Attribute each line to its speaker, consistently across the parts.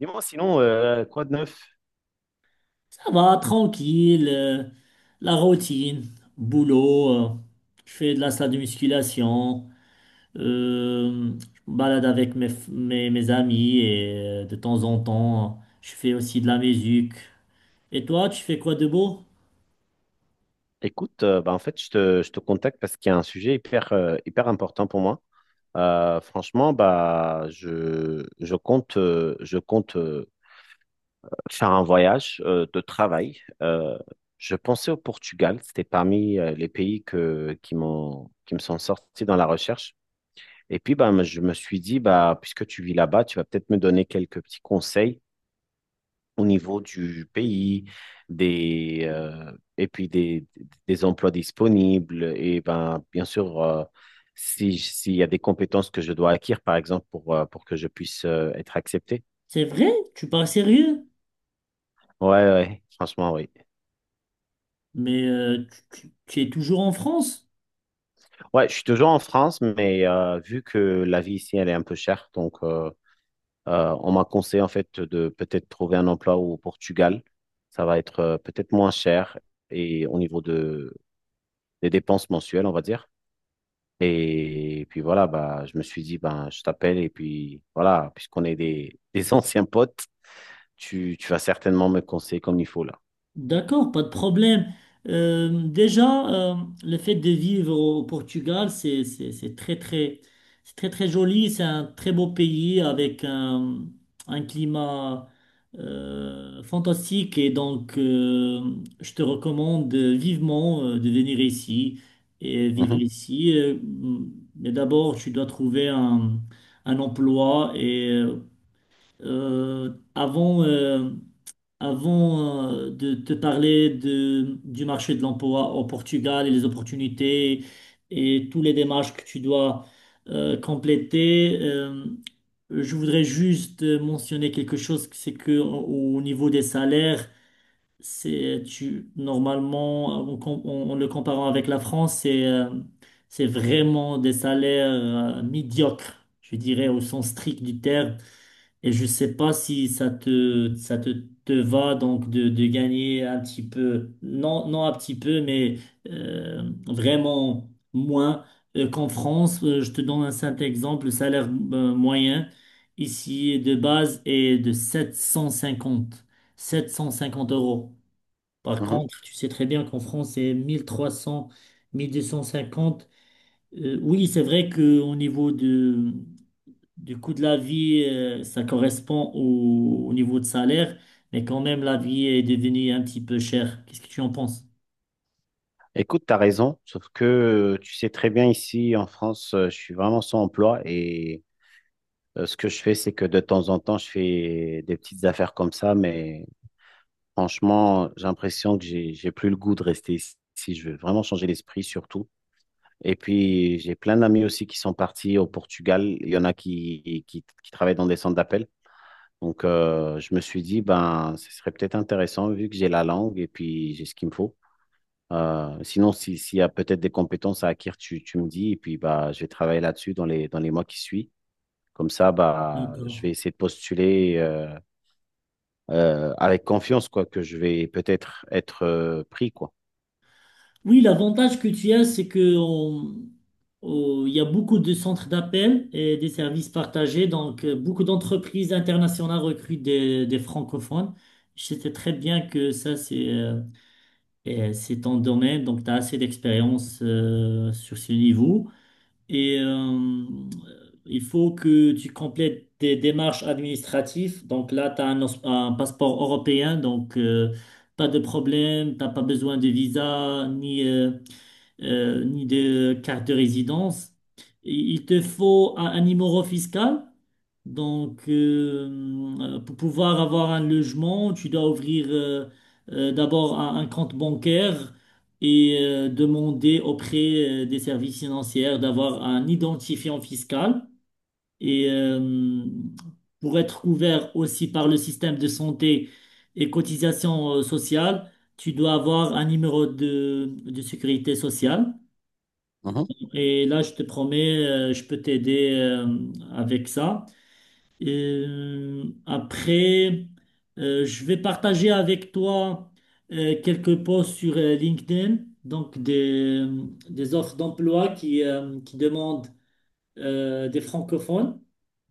Speaker 1: Dis-moi sinon, quoi de neuf?
Speaker 2: Ça va, tranquille, la routine, boulot, je fais de la salle de musculation, je me balade avec mes amis et de temps en temps, je fais aussi de la musique. Et toi, tu fais quoi de beau?
Speaker 1: Écoute, bah, en fait, je te contacte parce qu'il y a un sujet hyper, hyper important pour moi. Franchement, bah, je compte faire un voyage de travail. Je pensais au Portugal, c'était parmi les pays qui m'ont, qui me sont sortis dans la recherche. Et puis, bah, je me suis dit, bah, puisque tu vis là-bas, tu vas peut-être me donner quelques petits conseils au niveau du pays, des, euh, et puis des emplois disponibles. Et ben, bien sûr, si, s'il y a des compétences que je dois acquérir, par exemple, pour que je puisse être accepté.
Speaker 2: C'est vrai, tu parles sérieux,
Speaker 1: Ouais, ouais, franchement, oui.
Speaker 2: mais tu es toujours en France?
Speaker 1: Ouais, je suis toujours en France, mais vu que la vie ici, elle est un peu chère, on m'a conseillé en fait de peut-être trouver un emploi au Portugal. Ça va être peut-être moins cher et au niveau des dépenses mensuelles, on va dire. Et puis voilà, bah, je me suis dit, ben, je t'appelle et puis voilà, puisqu'on est des anciens potes, tu vas certainement me conseiller comme il faut là.
Speaker 2: D'accord, pas de problème. Déjà, euh, le fait de vivre au Portugal, c'est très très joli. C'est un très beau pays avec un climat fantastique et donc je te recommande vivement de venir ici et vivre
Speaker 1: Mhm,
Speaker 2: ici. Mais d'abord, tu dois trouver un emploi et euh, avant. euh, avant de te parler du marché de l'emploi au Portugal et les opportunités et tous les démarches que tu dois compléter. Je voudrais juste mentionner quelque chose, c'est que au niveau des salaires, c'est tu normalement en le comparant avec la France, c'est vraiment des salaires médiocres, je dirais au sens strict du terme. Et je sais pas si ça te va donc de gagner un petit peu, non, non un petit peu, mais vraiment moins qu'en France. Je te donne un simple exemple, le salaire moyen ici de base est de 750 euros. Par
Speaker 1: mhm.
Speaker 2: contre, tu sais très bien qu'en France, c'est 1300, 1250. Oui, c'est vrai qu'au niveau du coût de la vie, ça correspond au niveau de salaire, mais quand même, la vie est devenue un petit peu chère. Qu'est-ce que tu en penses?
Speaker 1: Écoute, tu as raison, sauf que tu sais très bien ici en France, je suis vraiment sans emploi et ce que je fais, c'est que de temps en temps, je fais des petites affaires comme ça, mais franchement, j'ai l'impression que j'ai plus le goût de rester ici. Si je veux vraiment changer l'esprit surtout. Et puis, j'ai plein d'amis aussi qui sont partis au Portugal. Il y en a qui travaillent dans des centres d'appel. Donc, je me suis dit, ben, ce serait peut-être intéressant vu que j'ai la langue et puis j'ai ce qu'il me faut. Sinon, s'il y a peut-être des compétences à acquérir, tu me dis, et puis bah, je vais travailler là-dessus dans les mois qui suivent. Comme ça, bah, je vais
Speaker 2: D'accord.
Speaker 1: essayer de postuler avec confiance, quoi, que je vais peut-être être, pris, quoi.
Speaker 2: Oui, l'avantage que tu as, c'est que il y a beaucoup de centres d'appel et des services partagés. Donc, beaucoup d'entreprises internationales recrutent des francophones. Je sais très bien que ça, c'est ton domaine, donc tu as assez d'expérience sur ce niveau. Et il faut que tu complètes des démarches administratives. Donc là, tu as un passeport européen, donc pas de problème, t'as pas besoin de visa, ni de carte de résidence. Il te faut un numéro fiscal. Donc, pour pouvoir avoir un logement, tu dois ouvrir d'abord un compte bancaire et demander auprès des services financiers d'avoir un identifiant fiscal. Et pour être couvert aussi par le système de santé et cotisation sociale, tu dois avoir un numéro de sécurité sociale.
Speaker 1: Mhm.
Speaker 2: Et là, je te promets, je peux t'aider avec ça. Après, je vais partager avec toi quelques posts sur LinkedIn, donc des offres d'emploi qui demandent des francophones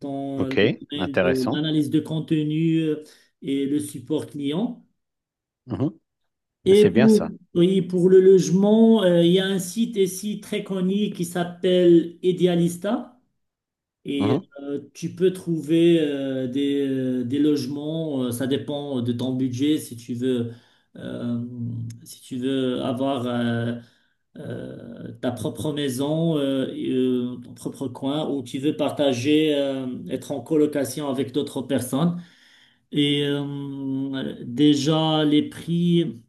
Speaker 2: dans
Speaker 1: Ok,
Speaker 2: les domaines de
Speaker 1: intéressant.
Speaker 2: l'analyse de contenu et le support client.
Speaker 1: Mhm.
Speaker 2: Et
Speaker 1: C'est bien
Speaker 2: pour,
Speaker 1: ça.
Speaker 2: oui, pour le logement, il y a un site ici très connu qui s'appelle Idealista. Et
Speaker 1: Mhm.
Speaker 2: tu peux trouver des logements, ça dépend de ton budget, si tu veux, euh, si tu veux avoir ta propre maison, et, ton propre coin, ou tu veux partager, être en colocation avec d'autres personnes. Et déjà, les prix.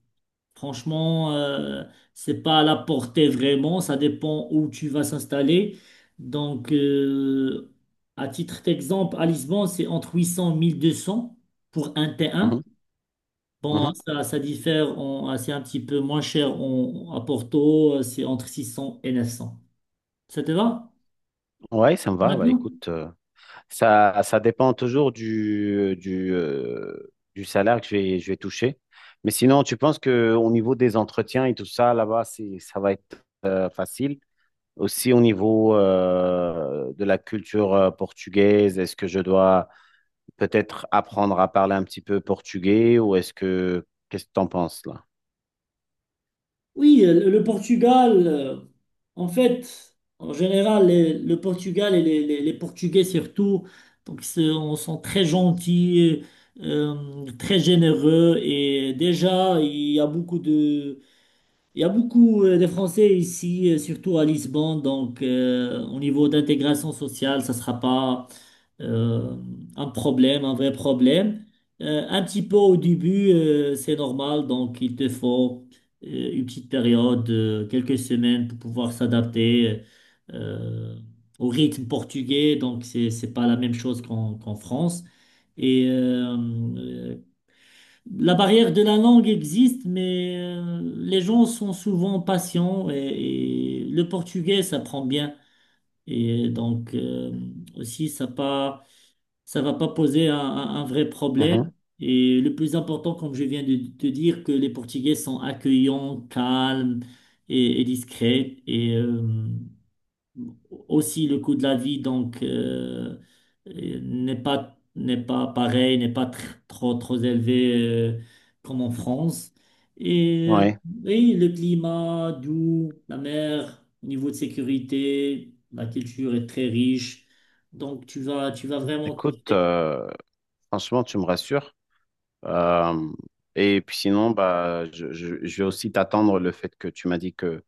Speaker 2: Franchement, c'est pas à la portée vraiment, ça dépend où tu vas s'installer. Donc, à titre d'exemple, à Lisbonne, c'est entre 800 et 1200 pour un T1.
Speaker 1: Mhm.
Speaker 2: Bon,
Speaker 1: Mhm.
Speaker 2: ça diffère, en- c'est un petit peu moins cher en- à Porto, c'est entre 600 et 900. Ça te va
Speaker 1: Ouais, ça me
Speaker 2: pour
Speaker 1: va. Bah,
Speaker 2: maintenant?
Speaker 1: écoute, ça dépend toujours du salaire que je vais toucher. Mais sinon, tu penses que au niveau des entretiens et tout ça, là-bas, ça va être facile. Aussi au niveau de la culture portugaise, est-ce que je dois peut-être apprendre à parler un petit peu portugais ou est-ce que qu'est-ce que t'en penses là?
Speaker 2: Oui, le Portugal, en fait, en général, le Portugal et les Portugais surtout, donc c'est- on sont très gentils, euh, très généreux et déjà il y a beaucoup de Français ici, surtout à Lisbonne, donc au niveau d'intégration sociale, ça ne sera pas euh, un problème, un vrai problème. Un petit peu au début, c'est normal, donc il te faut une petite période, quelques semaines pour pouvoir s'adapter euh, au rythme portugais, donc c'est pas la même chose qu'en France. Et la barrière de la langue existe, mais les gens sont souvent patients et le portugais, ça prend bien. Et donc, aussi, ça va pas poser un vrai problème.
Speaker 1: Mhm.
Speaker 2: Et le plus important, comme je viens de te dire, que les Portugais sont accueillants, calmes et discrets. Et, aussi le coût de la vie donc n'est pas pareil, n'est pas trop trop élevé euh, comme en France. Et, euh,
Speaker 1: Ouais.
Speaker 2: et le climat doux, la mer, au niveau de sécurité, la culture est très riche. Donc tu vas vraiment
Speaker 1: Écoute,
Speaker 2: kiffer.
Speaker 1: franchement, tu me rassures. Euh, et puis sinon, bah, je vais aussi t'attendre le fait que tu m'as dit que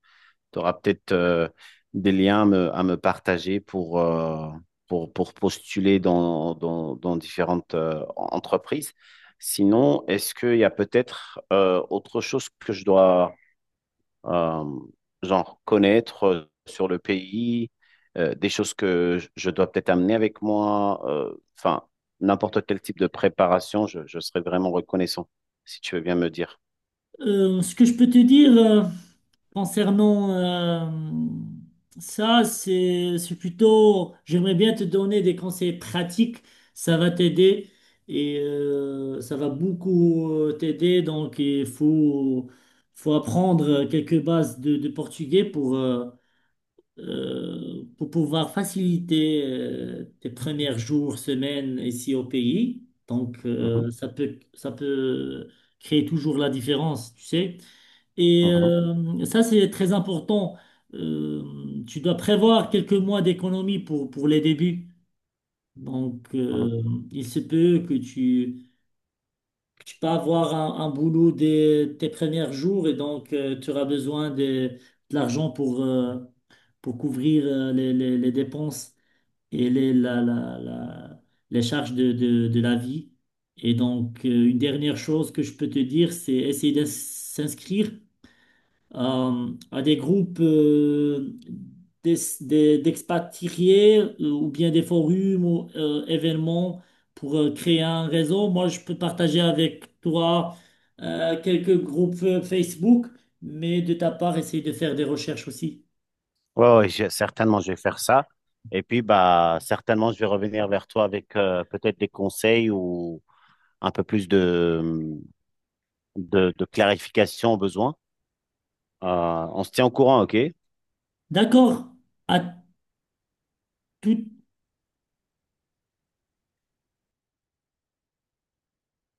Speaker 1: tu auras peut-être des liens à me partager pour postuler dans différentes entreprises. Sinon, est-ce qu'il y a peut-être autre chose que je dois euh, genre connaître sur le pays, des choses que je dois peut-être amener avec moi, enfin, n'importe quel type de préparation, je serais vraiment reconnaissant, si tu veux bien me dire.
Speaker 2: Ce que je peux te dire concernant ça, c'est plutôt, j'aimerais bien te donner des conseils pratiques, ça va t'aider et ça va beaucoup t'aider. Donc, faut apprendre quelques bases de portugais pour pouvoir faciliter tes premiers jours, semaines ici au pays. Donc,
Speaker 1: Mhm,
Speaker 2: ça peut créer toujours la différence, tu sais. Et
Speaker 1: mhm,
Speaker 2: ça, c'est très important. Euh, Tu dois prévoir quelques mois d'économie pour les débuts. Donc,
Speaker 1: mhm.
Speaker 2: il se peut que tu peux avoir un boulot dès tes premiers jours et donc tu auras besoin de l'argent pour couvrir les dépenses et les charges de la vie. Et donc, une dernière chose que je peux te dire, c'est essayer de s'inscrire à des groupes d'es- d'expatriés ou bien des forums ou événements pour créer un réseau. Moi, je peux partager avec toi quelques groupes Facebook, mais de ta part, essayer de faire des recherches aussi.
Speaker 1: Ouais, ouais, certainement, je vais faire ça. Et puis, bah, certainement, je vais revenir vers toi avec peut-être des conseils ou un peu plus de clarification au besoin. Euh, on se tient au courant, OK?
Speaker 2: D'accord. À tout,